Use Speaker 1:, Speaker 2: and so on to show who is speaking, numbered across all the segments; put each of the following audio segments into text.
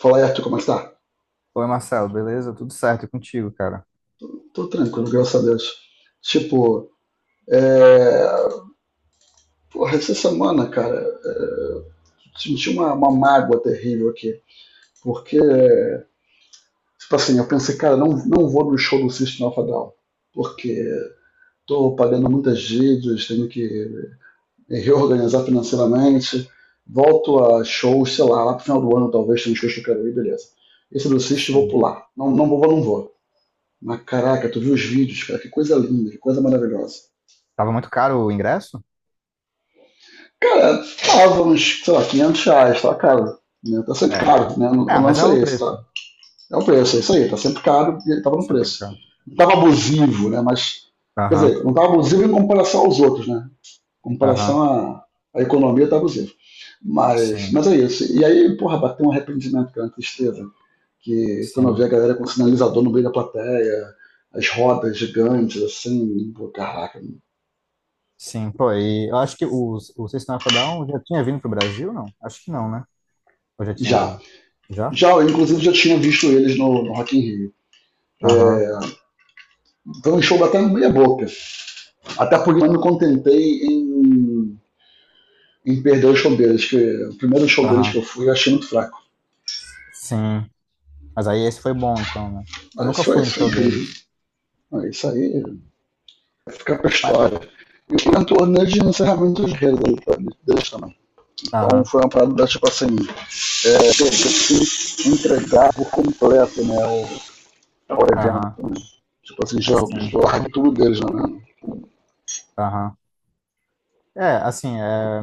Speaker 1: Flerto, como é que tá?
Speaker 2: Oi, Marcelo, beleza? Tudo certo e contigo, cara?
Speaker 1: Tô tranquilo, graças a Deus. Tipo, é... Porra, essa semana, cara, senti uma mágoa terrível aqui. Porque, tipo assim, eu pensei, cara, não vou no show do System Alpha Down. Porque tô pagando muitas dívidas, tenho que me reorganizar financeiramente. Volto a shows, sei lá, lá pro final do ano talvez tenha um show que eu quero ir, beleza. Esse do System eu vou
Speaker 2: Sim.
Speaker 1: pular. Não, não vou, não vou. Mas caraca, tu viu os vídeos, cara, que coisa linda, que coisa maravilhosa.
Speaker 2: Tava muito caro o ingresso?
Speaker 1: Cara, tava uns, sei lá, R$ 500, tá caro. Né? Tá sempre
Speaker 2: É.
Speaker 1: caro, né? O
Speaker 2: É, mas
Speaker 1: lance
Speaker 2: é o
Speaker 1: é esse,
Speaker 2: preço.
Speaker 1: tá? É o preço, é isso aí, tá sempre caro e ele tava no
Speaker 2: Sempre
Speaker 1: preço.
Speaker 2: caro.
Speaker 1: Não tava abusivo, né? Mas, quer
Speaker 2: Aham,
Speaker 1: dizer, não tava abusivo em comparação aos outros, né? Em
Speaker 2: aham.
Speaker 1: comparação à economia, tá abusivo. Mas,
Speaker 2: Sim,
Speaker 1: mas é isso. E aí, porra, bateu um arrependimento, cara, uma tristeza. Que quando eu vi a
Speaker 2: sim,
Speaker 1: galera com sinalizador no meio da plateia, as rodas gigantes, assim, pô, caraca.
Speaker 2: sim. Pô, e eu acho que o System of a Down já tinha vindo pro Brasil, não? Acho que não, né? Ou já tinha
Speaker 1: Já.
Speaker 2: vindo? Já?
Speaker 1: Já, eu, inclusive, já tinha visto eles no Rock in Rio.
Speaker 2: Aham,
Speaker 1: É, foi um show até meia boca. Até porque eu não me contentei em perder o show deles, que o primeiro show deles que eu
Speaker 2: aham.
Speaker 1: fui eu achei muito fraco.
Speaker 2: Sim. Mas aí esse foi bom, então, né? Eu
Speaker 1: Ah,
Speaker 2: nunca fui no
Speaker 1: isso é
Speaker 2: show
Speaker 1: incrível.
Speaker 2: deles.
Speaker 1: Ah, isso aí vai ficar pra
Speaker 2: Mas-
Speaker 1: história. E foi um torneio de encerramento de rede deles também. Então
Speaker 2: Aham,
Speaker 1: foi uma parada, tipo assim, é, que eu tive que entregar por completo né, o evento.
Speaker 2: aham,
Speaker 1: Né? Tipo assim, já,
Speaker 2: sim,
Speaker 1: já larguei tudo deles, né?
Speaker 2: aham. É, assim,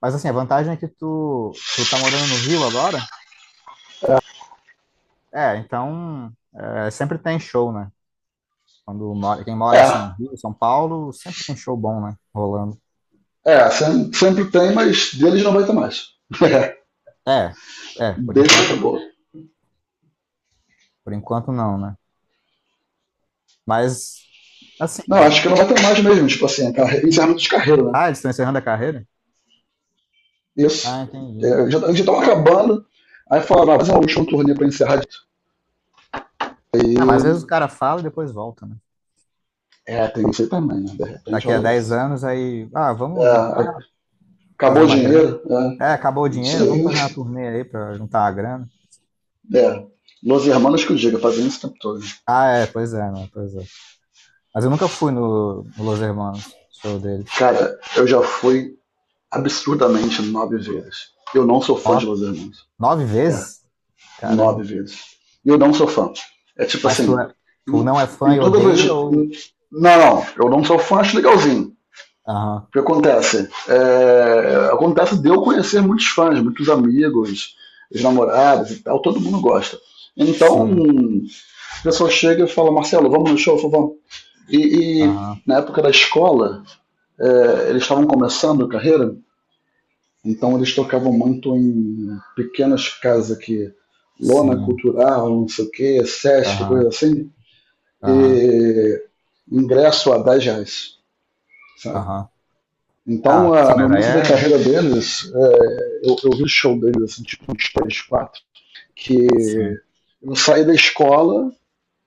Speaker 2: mas assim, a vantagem é que tu tá morando no Rio agora, é, então é, sempre tem show, né? Quando mora, quem mora
Speaker 1: É,
Speaker 2: assim, Rio, São Paulo, sempre tem show bom, né? Rolando.
Speaker 1: é, sempre, sempre tem, mas deles não vai ter mais.
Speaker 2: É, é, por
Speaker 1: Beijo e
Speaker 2: enquanto,
Speaker 1: acabou.
Speaker 2: não- por enquanto não, né? Mas, assim,
Speaker 1: Não, acho que não vai ter mais mesmo, tipo assim, encerramento de carreira, né?
Speaker 2: ah, eles estão encerrando a carreira? Ah,
Speaker 1: Isso.
Speaker 2: entendi.
Speaker 1: É, já estavam acabando, aí falaram, ah, fazer um último turnê pra encerrar isso. Aí,
Speaker 2: Ah, mas às vezes o cara fala e depois volta, né?
Speaker 1: é, tem isso aí também, né? De repente
Speaker 2: Daqui a
Speaker 1: rola
Speaker 2: 10
Speaker 1: isso.
Speaker 2: anos aí, ah, vamos juntar,
Speaker 1: É, acabou
Speaker 2: fazer
Speaker 1: o
Speaker 2: uma grana.
Speaker 1: dinheiro, é,
Speaker 2: É, acabou o
Speaker 1: isso
Speaker 2: dinheiro, vamos
Speaker 1: aí.
Speaker 2: fazer uma turnê aí pra juntar a grana.
Speaker 1: É, Los Hermanos que eu diga, fazendo isso o tempo todo.
Speaker 2: Ah, é, pois é, né? Pois é. Mas eu nunca fui no Los Hermanos, show deles.
Speaker 1: Cara, eu já fui absurdamente 9 vezes. Eu não sou fã de
Speaker 2: Nove,
Speaker 1: Los Hermanos.
Speaker 2: nove
Speaker 1: É,
Speaker 2: vezes?
Speaker 1: nove
Speaker 2: Caramba.
Speaker 1: vezes. E eu não sou fã. É tipo
Speaker 2: Mas tu,
Speaker 1: assim,
Speaker 2: é- tu
Speaker 1: em,
Speaker 2: não é fã
Speaker 1: em
Speaker 2: e
Speaker 1: todas as.
Speaker 2: odeia, ou?
Speaker 1: Não, não, eu não sou fã, acho legalzinho.
Speaker 2: Aham,
Speaker 1: O que acontece? É, acontece de eu conhecer muitos fãs, muitos amigos, os namorados e tal, todo mundo gosta. Então,
Speaker 2: sim,
Speaker 1: a pessoa chega e fala, Marcelo, vamos no show, eu falo, vamos. E
Speaker 2: aham,
Speaker 1: na época da escola, é, eles estavam começando a carreira, então eles tocavam muito em pequenas casas aqui, lona
Speaker 2: sim,
Speaker 1: cultural, não sei o que, Sesc, coisa
Speaker 2: aham,
Speaker 1: assim,
Speaker 2: aham,
Speaker 1: e ingresso a R$ 10, sabe?
Speaker 2: aham.
Speaker 1: Então,
Speaker 2: Ah, sim,
Speaker 1: a, no
Speaker 2: mas aí
Speaker 1: início da
Speaker 2: é.
Speaker 1: carreira deles, é, eu vi show deles, assim, tipo uns 3, 4, que
Speaker 2: Sim,
Speaker 1: eu saí da escola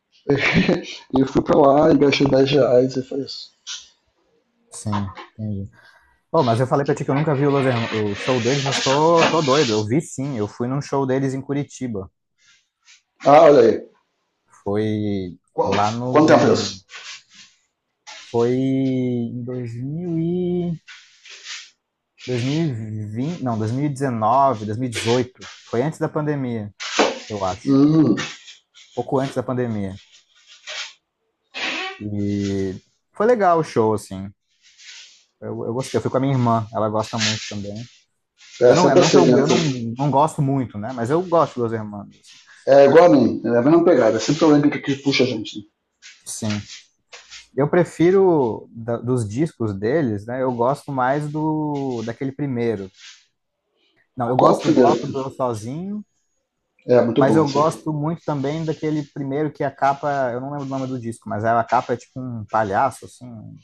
Speaker 1: e eu fui pra lá e gastei R$ 10 e foi isso.
Speaker 2: sim, entendi. Pô, mas eu falei pra ti que eu nunca vi o show deles, mas tô doido. Eu vi, sim, eu fui num show deles em Curitiba.
Speaker 1: Ah, olha aí.
Speaker 2: Foi
Speaker 1: Quanto,
Speaker 2: lá
Speaker 1: quanto tempo é isso?
Speaker 2: no. Foi em 2020, não, dois mil e dezenove, 2018. Foi antes da pandemia, eu acho.
Speaker 1: Hum,
Speaker 2: Pouco antes da pandemia. E foi legal o show, assim. Eu gostei. Eu fui com a minha irmã, ela gosta muito também. Eu
Speaker 1: é
Speaker 2: não,
Speaker 1: sempre
Speaker 2: não que
Speaker 1: assim,
Speaker 2: eu,
Speaker 1: né?
Speaker 2: eu
Speaker 1: Tu
Speaker 2: não, não gosto muito, né? Mas eu gosto dos Hermanos, assim.
Speaker 1: é igual a mim, é a mesma pegada, é sempre alguém que aqui puxa a gente, né?
Speaker 2: Sim. Eu prefiro dos discos deles, né? Eu gosto mais do daquele primeiro. Não, eu
Speaker 1: Qual é o
Speaker 2: gosto do
Speaker 1: primeiro?
Speaker 2: bloco do Eu Sozinho.
Speaker 1: É, muito
Speaker 2: Mas
Speaker 1: bom
Speaker 2: eu
Speaker 1: isso aí.
Speaker 2: gosto muito também daquele primeiro, que a capa, eu não lembro o nome do disco, mas a capa é tipo um palhaço, assim, um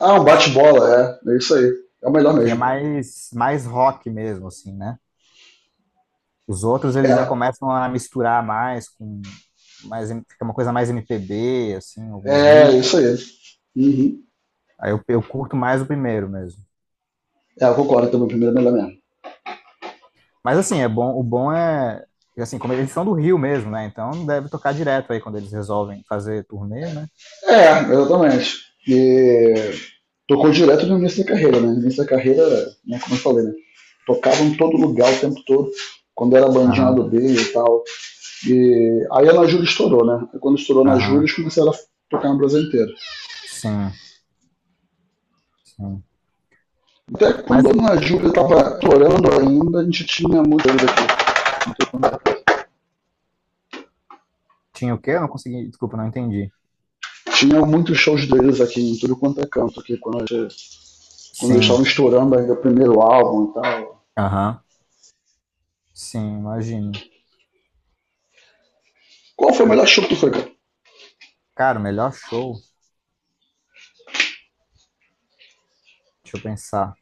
Speaker 1: Ah, um
Speaker 2: rosto,
Speaker 1: bate-bola, é, é isso aí. É o melhor
Speaker 2: que é
Speaker 1: mesmo.
Speaker 2: mais, mais rock mesmo, assim, né? Os outros
Speaker 1: É,
Speaker 2: eles já começam a misturar mais com mais, fica uma coisa mais MPB, assim, algumas
Speaker 1: é
Speaker 2: músicas.
Speaker 1: isso aí. Uhum.
Speaker 2: Aí eu curto mais o primeiro mesmo.
Speaker 1: É, eu concordo também, o primeiro é o melhor mesmo.
Speaker 2: Mas assim, é bom, o bom é, assim, como eles são do Rio mesmo, né? Então deve tocar direto aí quando eles resolvem fazer turnê, né?
Speaker 1: É, exatamente. E tocou direto no início da carreira, né? No início da carreira, né, como eu falei, né? Tocava em todo lugar o tempo todo, quando era bandinha lá
Speaker 2: Aham,
Speaker 1: do B e tal. E aí a Ana Júlia estourou, né? Aí quando estourou na Júlia, eles
Speaker 2: aham,
Speaker 1: começaram a tocar no Brasil inteiro.
Speaker 2: sim, sim.
Speaker 1: Até quando a
Speaker 2: Mas
Speaker 1: Dona Júlia estava chorando ainda, a gente tinha muito deles aqui. é-
Speaker 2: tinha o quê? Eu não consegui. Desculpa, não entendi.
Speaker 1: Tinha muitos shows deles aqui em tudo quanto é canto, aqui, quando, quando eles estavam
Speaker 2: Sim,
Speaker 1: estourando ainda o primeiro álbum e tal.
Speaker 2: aham. Sim, imagino.
Speaker 1: Qual foi o melhor show que tu foi, cara?
Speaker 2: Cara, o melhor show, deixa eu pensar.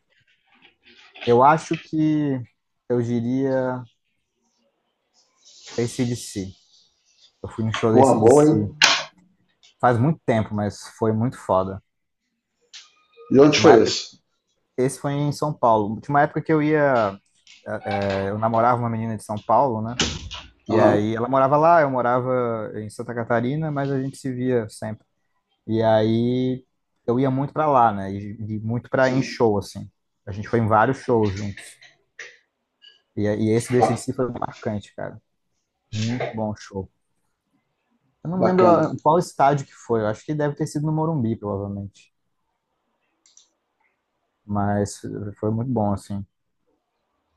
Speaker 2: Eu acho que eu diria AC/DC. Eu fui no show da
Speaker 1: Porra, boa, hein?
Speaker 2: AC/DC faz muito tempo, mas foi muito foda.
Speaker 1: E onde
Speaker 2: Tinha uma
Speaker 1: foi
Speaker 2: época,
Speaker 1: esse?
Speaker 2: esse foi em São Paulo. Tinha uma época que eu ia, é, é, eu namorava uma menina de São Paulo, né? E
Speaker 1: Aham, uhum.
Speaker 2: aí ela morava lá, eu morava em Santa Catarina, mas a gente se via sempre. E aí eu, ia muito pra lá, né? E muito pra em
Speaker 1: Sim.
Speaker 2: show, assim. A gente foi em vários shows juntos. E esse do
Speaker 1: Ba-
Speaker 2: AC/DC foi marcante, cara. Muito bom show. Eu não lembro
Speaker 1: bacana.
Speaker 2: ah, qual estádio que foi. Eu acho que deve ter sido no Morumbi, provavelmente. Mas foi muito bom, assim.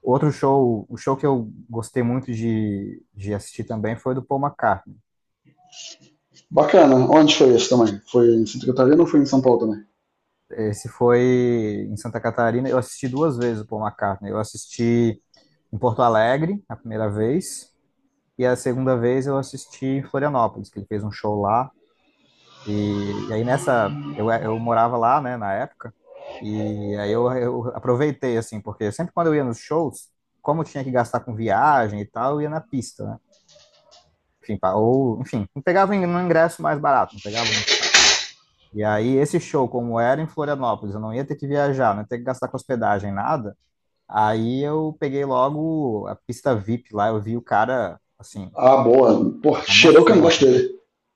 Speaker 2: Outro show, o show que eu gostei muito de assistir também foi do Paul McCartney.
Speaker 1: Bacana. Onde foi esse também? Foi em Santa Catarina ou foi em São Paulo também?
Speaker 2: Esse foi em Santa Catarina. Eu assisti duas vezes o Paul McCartney. Eu assisti em Porto Alegre, a primeira vez. E a segunda vez eu assisti em Florianópolis, que ele fez um show lá. E aí nessa, eu morava lá, né, na época. E aí eu aproveitei, assim, porque sempre quando eu ia nos shows, como eu tinha que gastar com viagem e tal, eu ia na pista, né? Enfim, ou, enfim, não pegava um ingresso mais barato, não pegava muito caro. E aí esse show, como era em Florianópolis, eu não ia ter que viajar, não ia ter que gastar com hospedagem, nada. Aí eu peguei logo a pista VIP lá, eu vi o cara, assim,
Speaker 1: Ah, boa. Porra,
Speaker 2: na minha
Speaker 1: cheirou que eu não gosto
Speaker 2: frente.
Speaker 1: dele.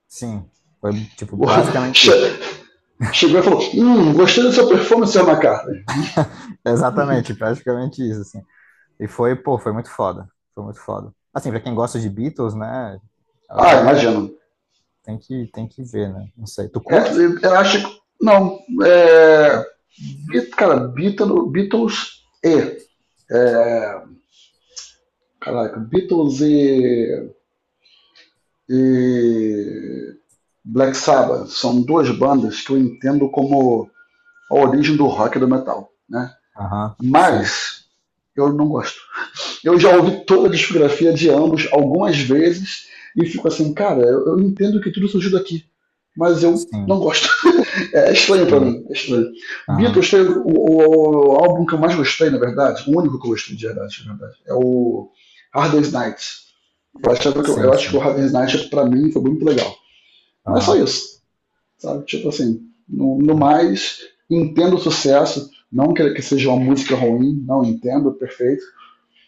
Speaker 2: Sim, foi tipo
Speaker 1: Porra,
Speaker 2: basicamente isso.
Speaker 1: Che- Chegou e falou, gostei da sua performance, seu McCartney.
Speaker 2: Exatamente, praticamente isso, assim. E foi, pô, foi muito foda. Foi muito foda. Assim, pra quem gosta de Beatles, né,
Speaker 1: Ah,
Speaker 2: é,
Speaker 1: imagino.
Speaker 2: tem que ver, né? Não sei. Tu
Speaker 1: É,
Speaker 2: curte?
Speaker 1: eu acho que. Não. É,
Speaker 2: Não?
Speaker 1: Cara, Beatles, Beatles e. É, caraca, Beatles e Black Sabbath são duas bandas que eu entendo como a origem do rock e do metal, né?
Speaker 2: Aham. Sim.
Speaker 1: Mas eu não gosto. Eu já ouvi toda a discografia de ambos algumas vezes e fico assim, cara, eu entendo que tudo surgiu daqui, mas eu não
Speaker 2: Sim.
Speaker 1: gosto. É estranho pra
Speaker 2: Sim.
Speaker 1: mim, é estranho.
Speaker 2: Aham.
Speaker 1: Beatles tem o, o álbum que eu mais gostei, na verdade, o único que eu gostei de verdade, na verdade, é o Hard Day's Night. Eu
Speaker 2: Sim,
Speaker 1: acho que o
Speaker 2: sim.
Speaker 1: Hard Day's Night, pra mim, foi muito legal. Mas é só
Speaker 2: Aham.
Speaker 1: isso, sabe? Tipo assim, no mais, entendo o sucesso, não que seja uma música ruim, não entendo, perfeito,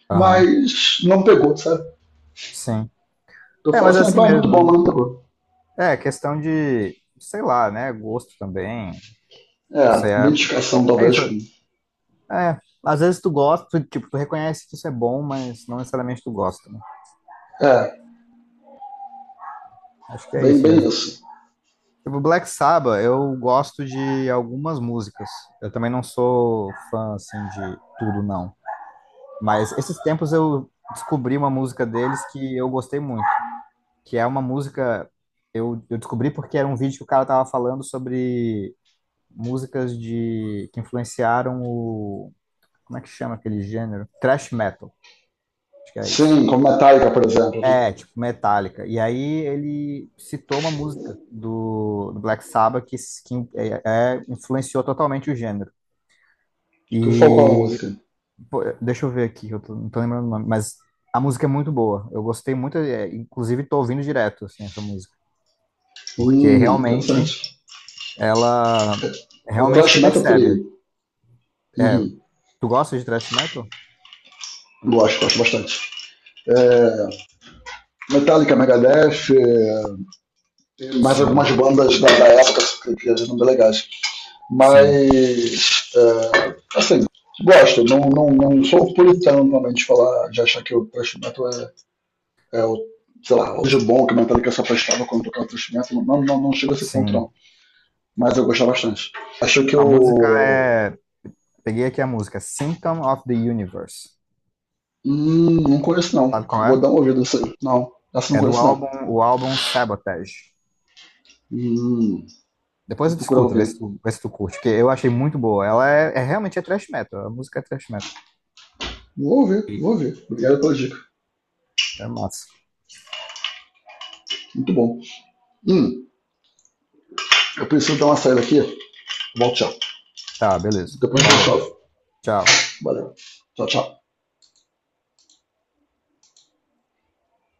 Speaker 2: Aham.
Speaker 1: mas não pegou, sabe?
Speaker 2: Sim.
Speaker 1: Eu
Speaker 2: É,
Speaker 1: falo
Speaker 2: mas é
Speaker 1: assim,
Speaker 2: assim
Speaker 1: ah, muito bom,
Speaker 2: mesmo,
Speaker 1: mas
Speaker 2: né?
Speaker 1: não pegou.
Speaker 2: É, questão de, sei lá, né, gosto também. Não
Speaker 1: É,
Speaker 2: sei, é,
Speaker 1: identificação
Speaker 2: é
Speaker 1: talvez
Speaker 2: isso.
Speaker 1: com...
Speaker 2: É, às vezes tu gosta, tu, tipo, tu reconhece que isso é bom, mas não necessariamente tu gosta.
Speaker 1: É,
Speaker 2: Acho que é
Speaker 1: bem,
Speaker 2: isso
Speaker 1: bem
Speaker 2: mesmo.
Speaker 1: isso.
Speaker 2: O Black Sabbath, eu gosto de algumas músicas. Eu também não sou fã, assim, de tudo, não. Mas esses tempos eu descobri uma música deles que eu gostei muito. Que é uma música. Eu descobri porque era um vídeo que o cara tava falando sobre músicas de que influenciaram o. Como é que chama aquele gênero? Thrash metal. Acho que é isso.
Speaker 1: Sim, como Metallica, por exemplo, né?
Speaker 2: É, tipo Metallica. E aí ele citou uma música do Black Sabbath que é, influenciou totalmente o gênero.
Speaker 1: Que o Falcão é uma
Speaker 2: E
Speaker 1: música
Speaker 2: pô, deixa eu ver aqui, não tô lembrando o nome, mas a música é muito boa. Eu gostei muito, é, inclusive tô ouvindo direto assim essa música, porque
Speaker 1: Interessante.
Speaker 2: realmente ela
Speaker 1: Eu
Speaker 2: realmente
Speaker 1: trash
Speaker 2: tu
Speaker 1: metal por
Speaker 2: percebe.
Speaker 1: aí.
Speaker 2: É,
Speaker 1: Uhum.
Speaker 2: tu gosta de thrash metal?
Speaker 1: Gosto, gosto bastante. É, Metallica, Megadeth, é, tem mais algumas
Speaker 2: Sim,
Speaker 1: bandas da época que eram bem legais.
Speaker 2: sim,
Speaker 1: Mas, é, assim, gosto. Não, não, não sou puritano normalmente de falar, de achar que o thrash metal é, é o, sei lá, hoje bom que o Metallica só prestava quando tocava o thrash metal. Não, não, não chega a esse ponto,
Speaker 2: sim.
Speaker 1: não. Mas eu gostava bastante. Acho que
Speaker 2: A música
Speaker 1: o
Speaker 2: é, peguei aqui a música, Symptom of the Universe.
Speaker 1: Não conheço não.
Speaker 2: Sabe qual
Speaker 1: Vou
Speaker 2: é?
Speaker 1: dar uma ouvida nessa aí. Não, essa eu não
Speaker 2: É do
Speaker 1: conheço não.
Speaker 2: álbum, o álbum Sabotage.
Speaker 1: Hum,
Speaker 2: Depois
Speaker 1: vou
Speaker 2: eu
Speaker 1: procurar
Speaker 2: discuto, vê
Speaker 1: ouvir.
Speaker 2: se tu, vê se tu curte, porque eu achei muito boa. Ela é, é realmente é thrash metal, a música é thrash metal.
Speaker 1: Vou ouvir,
Speaker 2: E
Speaker 1: vou ouvir. Obrigado pela dica.
Speaker 2: é massa.
Speaker 1: Muito bom. Hum, eu preciso dar uma saída aqui. Volto já.
Speaker 2: Tá, beleza.
Speaker 1: Depois a gente
Speaker 2: Falou.
Speaker 1: chove.
Speaker 2: Tchau.
Speaker 1: Valeu. Tchau, tchau.